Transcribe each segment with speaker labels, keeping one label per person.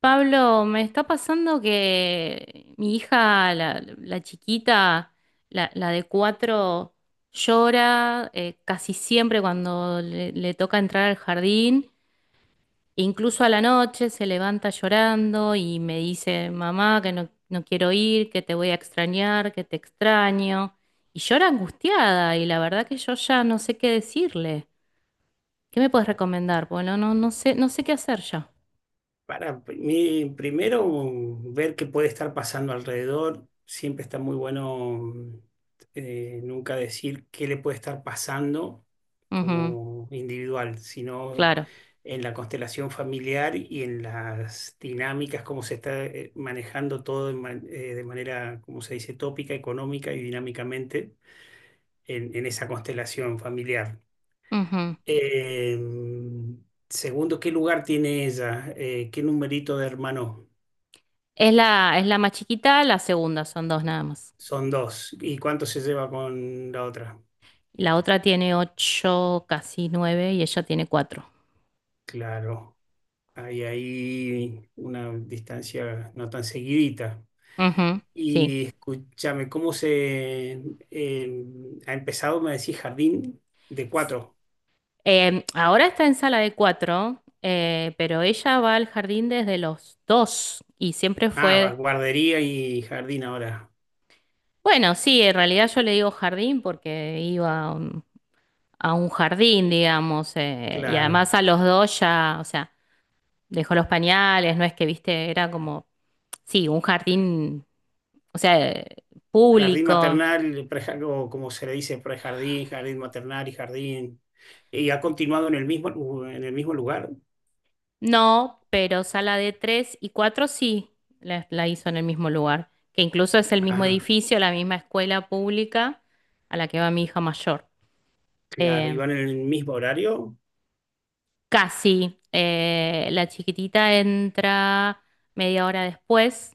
Speaker 1: Pablo, me está pasando que mi hija, la chiquita, la de cuatro, llora casi siempre cuando le toca entrar al jardín, incluso a la noche se levanta llorando y me dice, mamá, que no quiero ir, que te voy a extrañar, que te extraño. Y llora angustiada y la verdad que yo ya no sé qué decirle. ¿Qué me puedes recomendar? Bueno, no sé, no sé qué hacer ya.
Speaker 2: Para mí, primero, ver qué puede estar pasando alrededor. Siempre está muy bueno nunca decir qué le puede estar pasando
Speaker 1: Ujú,
Speaker 2: como individual, sino
Speaker 1: claro.
Speaker 2: en la constelación familiar y en las dinámicas, cómo se está manejando todo de, de manera, como se dice, tópica, económica y dinámicamente en esa constelación familiar.
Speaker 1: Ujú.
Speaker 2: Eh, Segundo, ¿qué lugar tiene ella? ¿Qué numerito de hermano?
Speaker 1: Es la más chiquita, la segunda, son dos nada más.
Speaker 2: Son dos. ¿Y cuánto se lleva con la otra?
Speaker 1: La otra tiene ocho, casi nueve, y ella tiene cuatro.
Speaker 2: Claro, hay ahí una distancia no tan seguidita.
Speaker 1: Ujú, sí.
Speaker 2: Y escúchame, ¿cómo se eh, ha empezado? Me decís jardín de cuatro.
Speaker 1: Ahora está en sala de cuatro, pero ella va al jardín desde los dos y siempre
Speaker 2: Ah, va,
Speaker 1: fue,
Speaker 2: guardería y jardín ahora.
Speaker 1: bueno, sí, en realidad yo le digo jardín porque iba a un jardín, digamos, y además
Speaker 2: Claro.
Speaker 1: a los dos ya, o sea, dejó los pañales, no es que, viste, era como sí, un jardín, o sea,
Speaker 2: Jardín
Speaker 1: público.
Speaker 2: maternal, o como se le dice, prejardín, jardín maternal y jardín. ¿Y ha continuado en el mismo, en el mismo lugar?
Speaker 1: No, pero sala de tres y cuatro sí la hizo en el mismo lugar, que incluso es el mismo
Speaker 2: Ajá,
Speaker 1: edificio, la misma escuela pública a la que va mi hija mayor.
Speaker 2: claro. ¿Y
Speaker 1: Eh,
Speaker 2: van en el mismo horario?
Speaker 1: Casi, la chiquitita entra media hora después,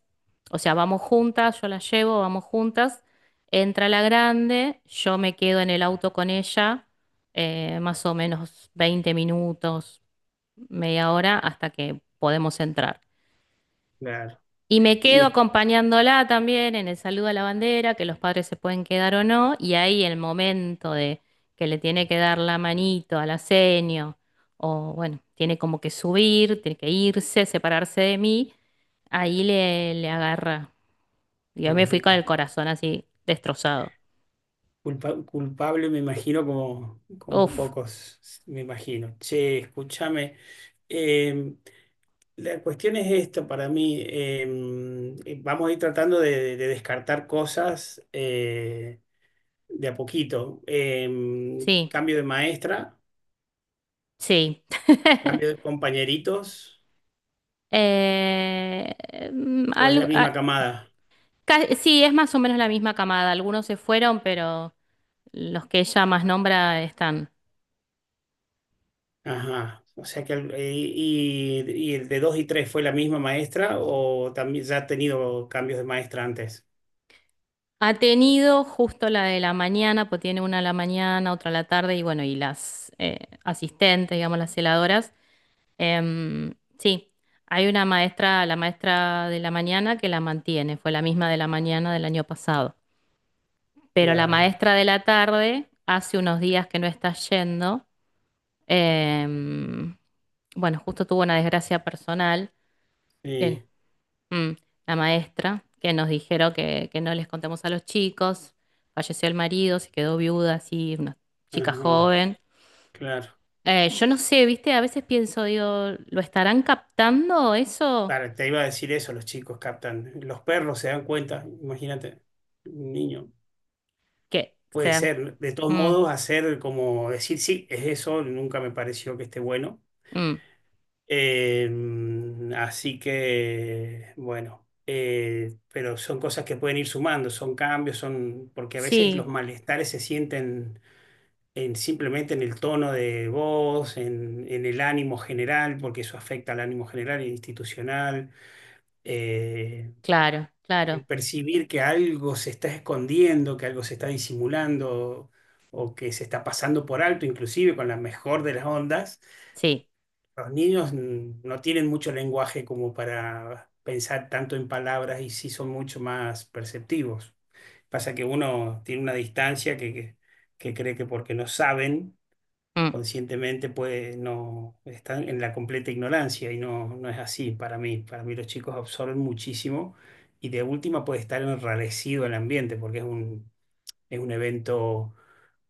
Speaker 1: o sea, vamos juntas, yo la llevo, vamos juntas, entra la grande, yo me quedo en el auto con ella, más o menos 20 minutos media hora hasta que podemos entrar.
Speaker 2: Claro.
Speaker 1: Y me quedo
Speaker 2: Y
Speaker 1: acompañándola también en el saludo a la bandera, que los padres se pueden quedar o no, y ahí el momento de que le tiene que dar la manito al asenio, o bueno, tiene como que subir, tiene que irse, separarse de mí, ahí le agarra. Yo me
Speaker 2: ajá.
Speaker 1: fui con el corazón así destrozado.
Speaker 2: Culpable, me imagino, como, como
Speaker 1: Uf,
Speaker 2: pocos, me imagino. Che, escúchame. eh, la cuestión es esto para mí. Vamos a ir tratando de descartar cosas de a poquito.
Speaker 1: sí,
Speaker 2: Cambio de maestra,
Speaker 1: sí.
Speaker 2: cambio de compañeritos,
Speaker 1: Eh, mm,
Speaker 2: o es la
Speaker 1: algo-
Speaker 2: misma
Speaker 1: ah,
Speaker 2: camada.
Speaker 1: Ca- sí, es más o menos la misma camada. Algunos se fueron, pero los que ella más nombra están.
Speaker 2: Ajá. O sea que, y el de 2 y 3 fue la misma maestra, o también ya ha tenido cambios de maestra antes.
Speaker 1: Ha tenido justo la de la mañana, pues tiene una a la mañana, otra a la tarde y bueno, y las asistentes, digamos, las celadoras. Sí, hay una maestra, la maestra de la mañana que la mantiene, fue la misma de la mañana del año pasado. Pero la
Speaker 2: Claro.
Speaker 1: maestra de la tarde hace unos días que no está yendo. em, bueno, justo tuvo una desgracia personal. que
Speaker 2: Sí,
Speaker 1: Mm, la maestra que nos dijeron que no les contemos a los chicos, falleció el marido, se quedó viuda, así, una chica
Speaker 2: ajá,
Speaker 1: joven.
Speaker 2: claro.
Speaker 1: Yo no sé, viste, a veces pienso, digo, ¿lo estarán captando eso?
Speaker 2: Claro, te iba a decir eso, los chicos captan. Los perros se dan cuenta, imagínate, un niño.
Speaker 1: Que
Speaker 2: Puede
Speaker 1: sean...
Speaker 2: ser, de todos
Speaker 1: Mm,
Speaker 2: modos, hacer como decir, sí, es eso, nunca me pareció que esté bueno.
Speaker 1: mm,
Speaker 2: Eh, así que, bueno, pero son cosas que pueden ir sumando, son cambios, son, porque a veces los
Speaker 1: sí,
Speaker 2: malestares se sienten simplemente en el tono de voz, en el ánimo general, porque eso afecta al ánimo general e institucional eh,
Speaker 1: claro, claro,
Speaker 2: el percibir que algo se está escondiendo, que algo se está disimulando o que se está pasando por alto, inclusive con la mejor de las ondas.
Speaker 1: sí,
Speaker 2: Los niños mm, no tienen mucho lenguaje como para pensar tanto en palabras y sí son mucho más perceptivos. Pasa que uno tiene una distancia que cree que porque no saben,
Speaker 1: mm,
Speaker 2: conscientemente puede no están en la completa ignorancia y no, no es así para mí. Para mí los chicos absorben muchísimo y de última puede estar enrarecido el ambiente porque es un evento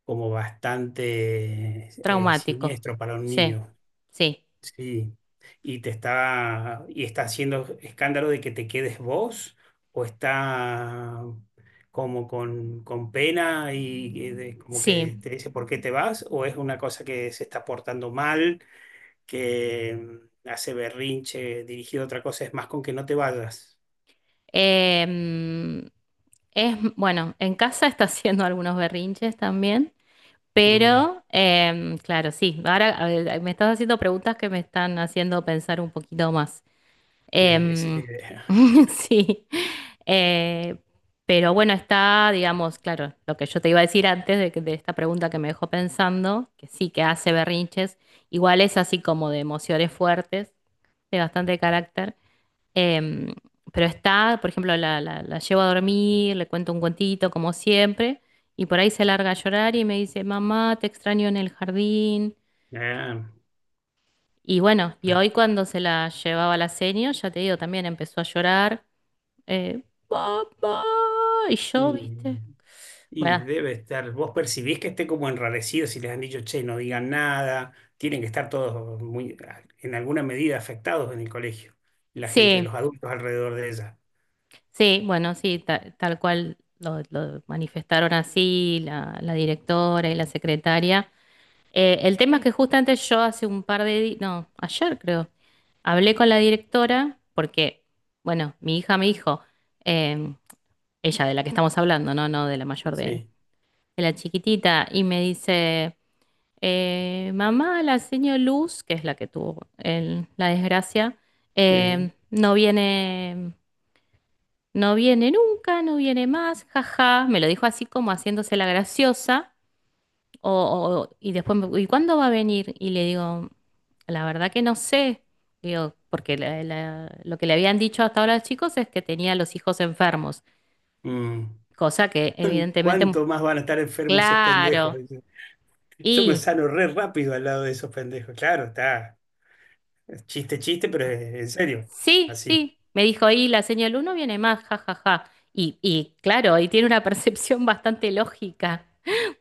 Speaker 2: como bastante
Speaker 1: traumático,
Speaker 2: siniestro para un
Speaker 1: sí,
Speaker 2: niño.
Speaker 1: sí,
Speaker 2: Sí, y te está y está haciendo escándalo de que te quedes vos o está como con pena y como
Speaker 1: sí.
Speaker 2: que te dice por qué te vas o es una cosa que se está portando mal, que mm, hace berrinche dirigido a otra cosa, es más con que no te vayas.
Speaker 1: Em, es, bueno, en casa está haciendo algunos berrinches también.
Speaker 2: Mm,
Speaker 1: Pero, claro, sí, ahora a ver, me estás haciendo preguntas que me están haciendo pensar un poquito más.
Speaker 2: esa es la
Speaker 1: Em,
Speaker 2: idea.
Speaker 1: sí, eh, pero bueno, está, digamos, claro, lo que yo te iba a decir antes de, que- de esta pregunta que me dejó pensando, que sí, que hace berrinches, igual es así como de emociones fuertes, de bastante carácter. Em, pero está, por ejemplo, la llevo a dormir, le cuento un cuentito como siempre, y por ahí se larga a llorar y me dice, mamá, te extraño en el jardín.
Speaker 2: Ah,
Speaker 1: Y bueno, y hoy cuando se la llevaba a la seño, ya te digo, también empezó a llorar, papá, y yo,
Speaker 2: y-
Speaker 1: viste.
Speaker 2: Y
Speaker 1: Bueno,
Speaker 2: debe estar, vos percibís que esté como enrarecido si les han dicho, che, no digan nada, tienen que estar todos muy, en alguna medida afectados en el colegio, la gente, los
Speaker 1: sí,
Speaker 2: adultos alrededor de ella.
Speaker 1: sí, bueno, sí, ta- tal cual lo manifestaron así la directora y la secretaria. El tema es que justamente yo hace un par de días, no, ayer creo. Hablé con la directora porque, bueno, mi hija me dijo, em, ella de la que estamos hablando, no, no de la mayor
Speaker 2: Sí,
Speaker 1: de la chiquitita, y me dice, mamá, la señora Luz, que es la que tuvo el- la desgracia,
Speaker 2: sí.
Speaker 1: no viene, no viene nunca, no viene más, jaja. Me lo dijo así como haciéndose la graciosa, o, o- y después, me- ¿y cuándo va a venir? Y le digo, la verdad que no sé, digo, porque la- la- lo que le habían dicho hasta ahora a los chicos es que tenía los hijos enfermos,
Speaker 2: Mm.
Speaker 1: cosa que evidentemente, mu-
Speaker 2: ¿Cuánto más van a estar enfermos esos pendejos?
Speaker 1: claro,
Speaker 2: Dice, yo me
Speaker 1: y
Speaker 2: sano re rápido al lado de esos pendejos. Claro, está, es chiste, chiste, pero es en serio,
Speaker 1: sí,
Speaker 2: así.
Speaker 1: sí, me dijo, y la señal uno viene más, ja, ja, ja. Y claro, y tiene una percepción bastante lógica,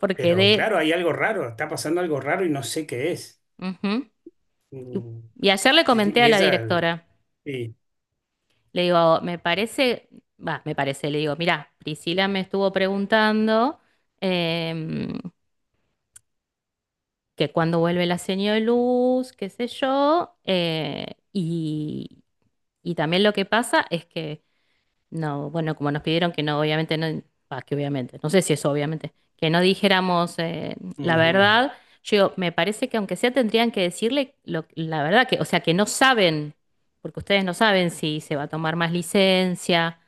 Speaker 1: porque
Speaker 2: Pero
Speaker 1: de...
Speaker 2: claro, hay algo raro, está pasando algo raro y no sé qué es.
Speaker 1: Ujú. Y,
Speaker 2: Mm.
Speaker 1: y ayer le comenté a
Speaker 2: Y
Speaker 1: la
Speaker 2: ella,
Speaker 1: directora,
Speaker 2: sí,
Speaker 1: le digo, me parece, va, me parece, le digo, mirá, Priscila me estuvo preguntando. em, que cuando vuelve la señal de luz, qué sé yo, y, y también lo que pasa es que, no, bueno, como nos pidieron que no, obviamente no, ah, que obviamente, no sé si eso obviamente, que no dijéramos la
Speaker 2: ujú,
Speaker 1: verdad, yo digo, me parece que aunque sea tendrían que decirle lo- la verdad, que, o sea, que no saben, porque ustedes no saben si se va a tomar más licencia,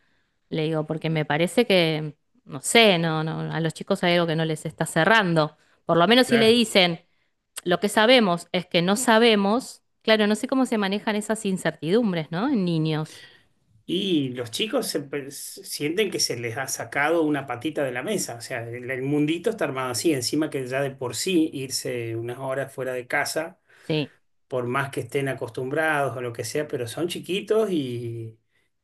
Speaker 1: le digo, porque me parece que, no sé, no, a los chicos hay algo que no les está cerrando. Por lo menos si le
Speaker 2: claro.
Speaker 1: dicen, lo que sabemos es que no sabemos, claro, no sé cómo se manejan esas incertidumbres, ¿no? En niños.
Speaker 2: Y los chicos se sienten que se les ha sacado una patita de la mesa, o sea, el mundito está armado así, encima que ya de por sí irse unas horas fuera de casa,
Speaker 1: Sí,
Speaker 2: por más que estén acostumbrados o lo que sea, pero son chiquitos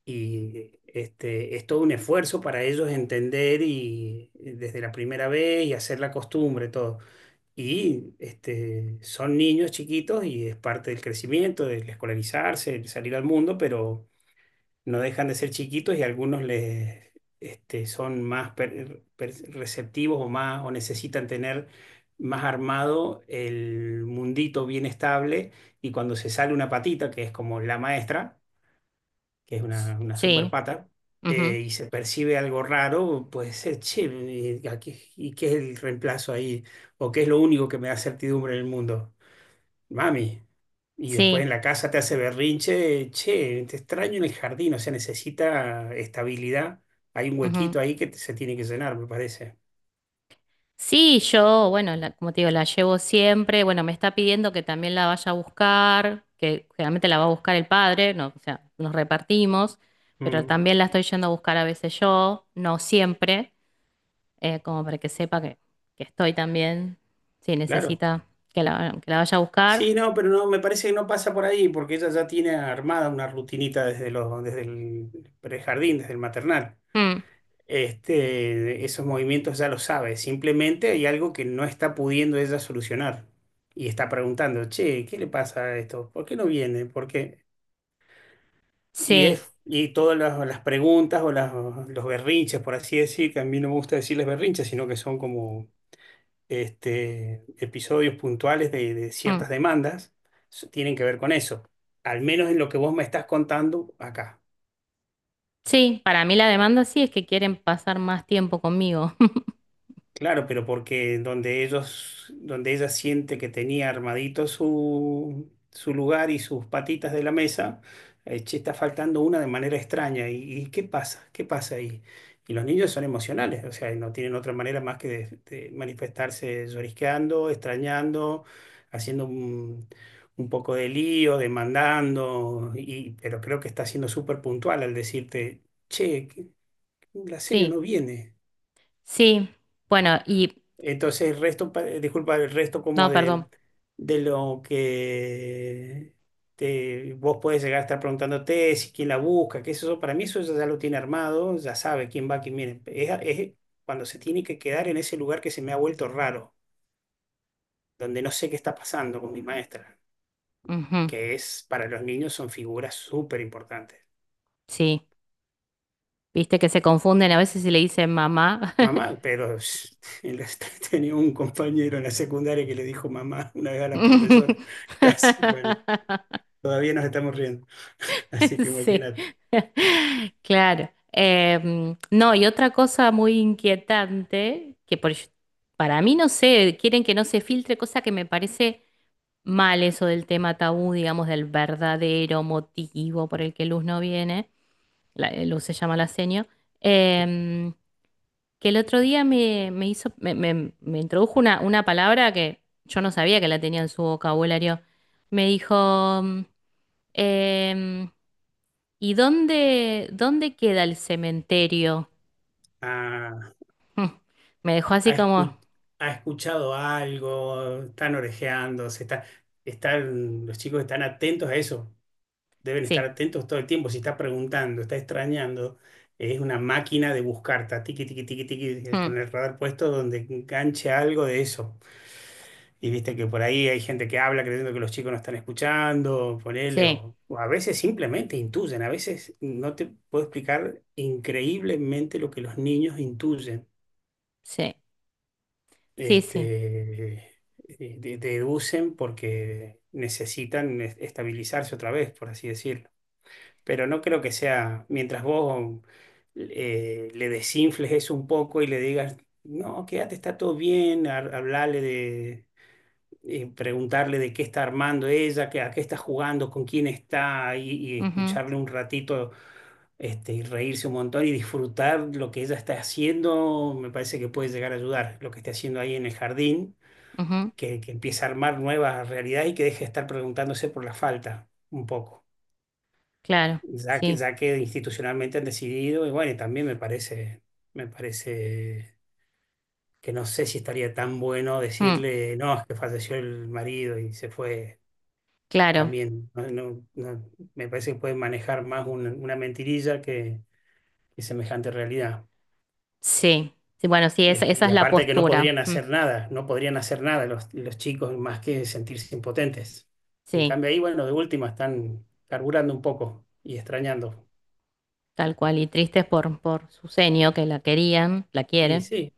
Speaker 2: y este, es todo un esfuerzo para ellos entender y desde la primera vez y hacer la costumbre, todo. Y este, son niños chiquitos y es parte del crecimiento, del escolarizarse, el salir al mundo, pero no dejan de ser chiquitos y algunos les, este, son más receptivos o, más, o necesitan tener más armado el mundito bien estable y cuando se sale una patita, que es como la maestra, que es una super
Speaker 1: sí,
Speaker 2: pata,
Speaker 1: ujú,
Speaker 2: y se percibe algo raro, puede ser, che, ¿y qué es el reemplazo ahí? ¿O qué es lo único que me da certidumbre en el mundo? Mami. Y después en
Speaker 1: sí,
Speaker 2: la casa te hace berrinche, che, te extraño en el jardín, o sea, necesita estabilidad. Hay un
Speaker 1: ujú.
Speaker 2: huequito ahí que se tiene que llenar, me parece.
Speaker 1: Sí, yo, bueno, la- como te digo, la llevo siempre. Bueno, me está pidiendo que también la vaya a buscar, que generalmente la va a buscar el padre, no, o sea, nos repartimos, pero
Speaker 2: Mm,
Speaker 1: también la estoy yendo a buscar a veces yo, no siempre, como para que sepa que estoy también, si
Speaker 2: claro.
Speaker 1: necesita que que la vaya a buscar.
Speaker 2: Sí, no, pero no, me parece que no pasa por ahí, porque ella ya tiene armada una rutinita desde los, desde el prejardín, desde el maternal.
Speaker 1: Mm,
Speaker 2: Este, esos movimientos ya lo sabe, simplemente hay algo que no está pudiendo ella solucionar. Y está preguntando, che, ¿qué le pasa a esto? ¿Por qué no viene? Porque y,
Speaker 1: sí.
Speaker 2: es, y todas las preguntas o las, los berrinches, por así decir, que a mí no me gusta decirles berrinches, sino que son como este, episodios puntuales de
Speaker 1: Mm.
Speaker 2: ciertas demandas, tienen que ver con eso, al menos en lo que vos me estás contando acá.
Speaker 1: Sí, para mí la demanda sí es que quieren pasar más tiempo conmigo.
Speaker 2: Claro, pero porque donde ellos, donde ella siente que tenía armadito su, su lugar y sus patitas de la mesa, che, está faltando una de manera extraña. Y qué pasa? ¿Qué pasa ahí? Y los niños son emocionales, o sea, no tienen otra manera más que de manifestarse llorisqueando, extrañando, haciendo un poco de lío, demandando, y, pero creo que está siendo súper puntual al decirte, che, que- la señora no
Speaker 1: Sí,
Speaker 2: viene.
Speaker 1: sí. Bueno, y...
Speaker 2: Entonces el resto, disculpa, el resto como
Speaker 1: No, perdón.
Speaker 2: de lo que te, vos puedes llegar a estar preguntándote, si quién la busca, qué es eso, para mí eso ya lo tiene armado, ya sabe quién va, quién viene. Es cuando se tiene que quedar en ese lugar que se me ha vuelto raro, donde no sé qué está pasando con mi maestra,
Speaker 1: Ujú,
Speaker 2: que es, para los niños son figuras súper importantes.
Speaker 1: sí, viste que se confunden a veces si le dicen mamá.
Speaker 2: Mamá, pero en la- tenía un compañero en la secundaria que le dijo mamá una vez a la profesora, casi, bueno. Todavía nos estamos riendo. Así que
Speaker 1: Sí,
Speaker 2: imagínate.
Speaker 1: claro. No, y otra cosa muy inquietante, que por, para mí no sé, quieren que no se filtre, cosa que me parece mal eso del tema tabú, digamos, del verdadero motivo por el que Luz no viene. Luz se llama la seño, em, que el otro día me hizo, me introdujo una palabra que yo no sabía que la tenía en su vocabulario. Me dijo, mm, em, ¿y dónde, dónde queda el cementerio?
Speaker 2: Ah,
Speaker 1: Mm. Me dejó así
Speaker 2: ha,
Speaker 1: como,
Speaker 2: escu- ha escuchado algo, están orejeando, se está, están, los chicos están atentos a eso. Deben estar
Speaker 1: sí,
Speaker 2: atentos todo el tiempo. Si está preguntando, está extrañando, es una máquina de buscar, está tiqui, tiqui, tiqui, tiqui,
Speaker 1: mm,
Speaker 2: con el radar puesto donde enganche algo de eso. Y viste que por ahí hay gente que habla creyendo que los chicos no están escuchando, ponele,
Speaker 1: sí,
Speaker 2: o a veces simplemente intuyen, a veces no te puedo explicar increíblemente lo que los niños intuyen,
Speaker 1: sí, sí, sí,
Speaker 2: este, deducen porque necesitan estabilizarse otra vez, por así decirlo. Pero no creo que sea, mientras vos le desinfles eso un poco y le digas, no, quédate, está todo bien, hablale de preguntarle de qué está armando ella, qué- a qué está jugando, con quién está, y
Speaker 1: ujú,
Speaker 2: escucharle un ratito este, y reírse un montón y disfrutar lo que ella está haciendo, me parece que puede llegar a ayudar lo que esté haciendo ahí en el jardín,
Speaker 1: ujú,
Speaker 2: que empiece a armar nuevas realidades y que deje de estar preguntándose por la falta un poco,
Speaker 1: claro, sí,
Speaker 2: ya que institucionalmente han decidido, y bueno, y también me parece que no sé si estaría tan bueno
Speaker 1: mm,
Speaker 2: decirle, no, es que falleció el marido y se fue.
Speaker 1: claro,
Speaker 2: También me parece que pueden manejar más una mentirilla que semejante realidad.
Speaker 1: sí. Sí, bueno, sí, esa,
Speaker 2: Este,
Speaker 1: esa
Speaker 2: y
Speaker 1: es la
Speaker 2: aparte que no
Speaker 1: postura.
Speaker 2: podrían
Speaker 1: Mm,
Speaker 2: hacer nada, no podrían hacer nada los, los chicos más que sentirse impotentes. En
Speaker 1: sí.
Speaker 2: cambio ahí, bueno, de última están carburando un poco y extrañando.
Speaker 1: Tal cual, y tristes por su senio, que la querían, la
Speaker 2: Y
Speaker 1: quieren.
Speaker 2: sí,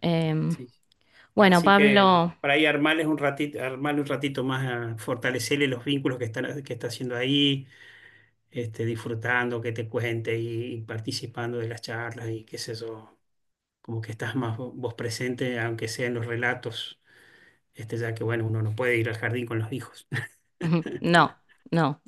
Speaker 1: Em,
Speaker 2: sí.
Speaker 1: bueno,
Speaker 2: Así que
Speaker 1: Pablo,
Speaker 2: para ahí armarles un ratito, armarle un ratito más, a fortalecerle los vínculos que están, que está haciendo ahí, este, disfrutando, que te cuente y, participando de las charlas y qué sé yo. Como que estás más vos presente, aunque sea en los relatos, este, ya que bueno, uno no puede ir al jardín con los hijos,
Speaker 1: ujú, no, no,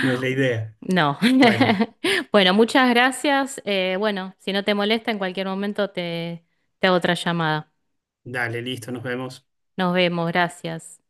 Speaker 2: no es la idea.
Speaker 1: no.
Speaker 2: Bueno,
Speaker 1: Bueno, muchas gracias. Bueno, si no te molesta, en cualquier momento te, te hago otra llamada.
Speaker 2: dale, listo, nos vemos.
Speaker 1: Nos vemos, gracias.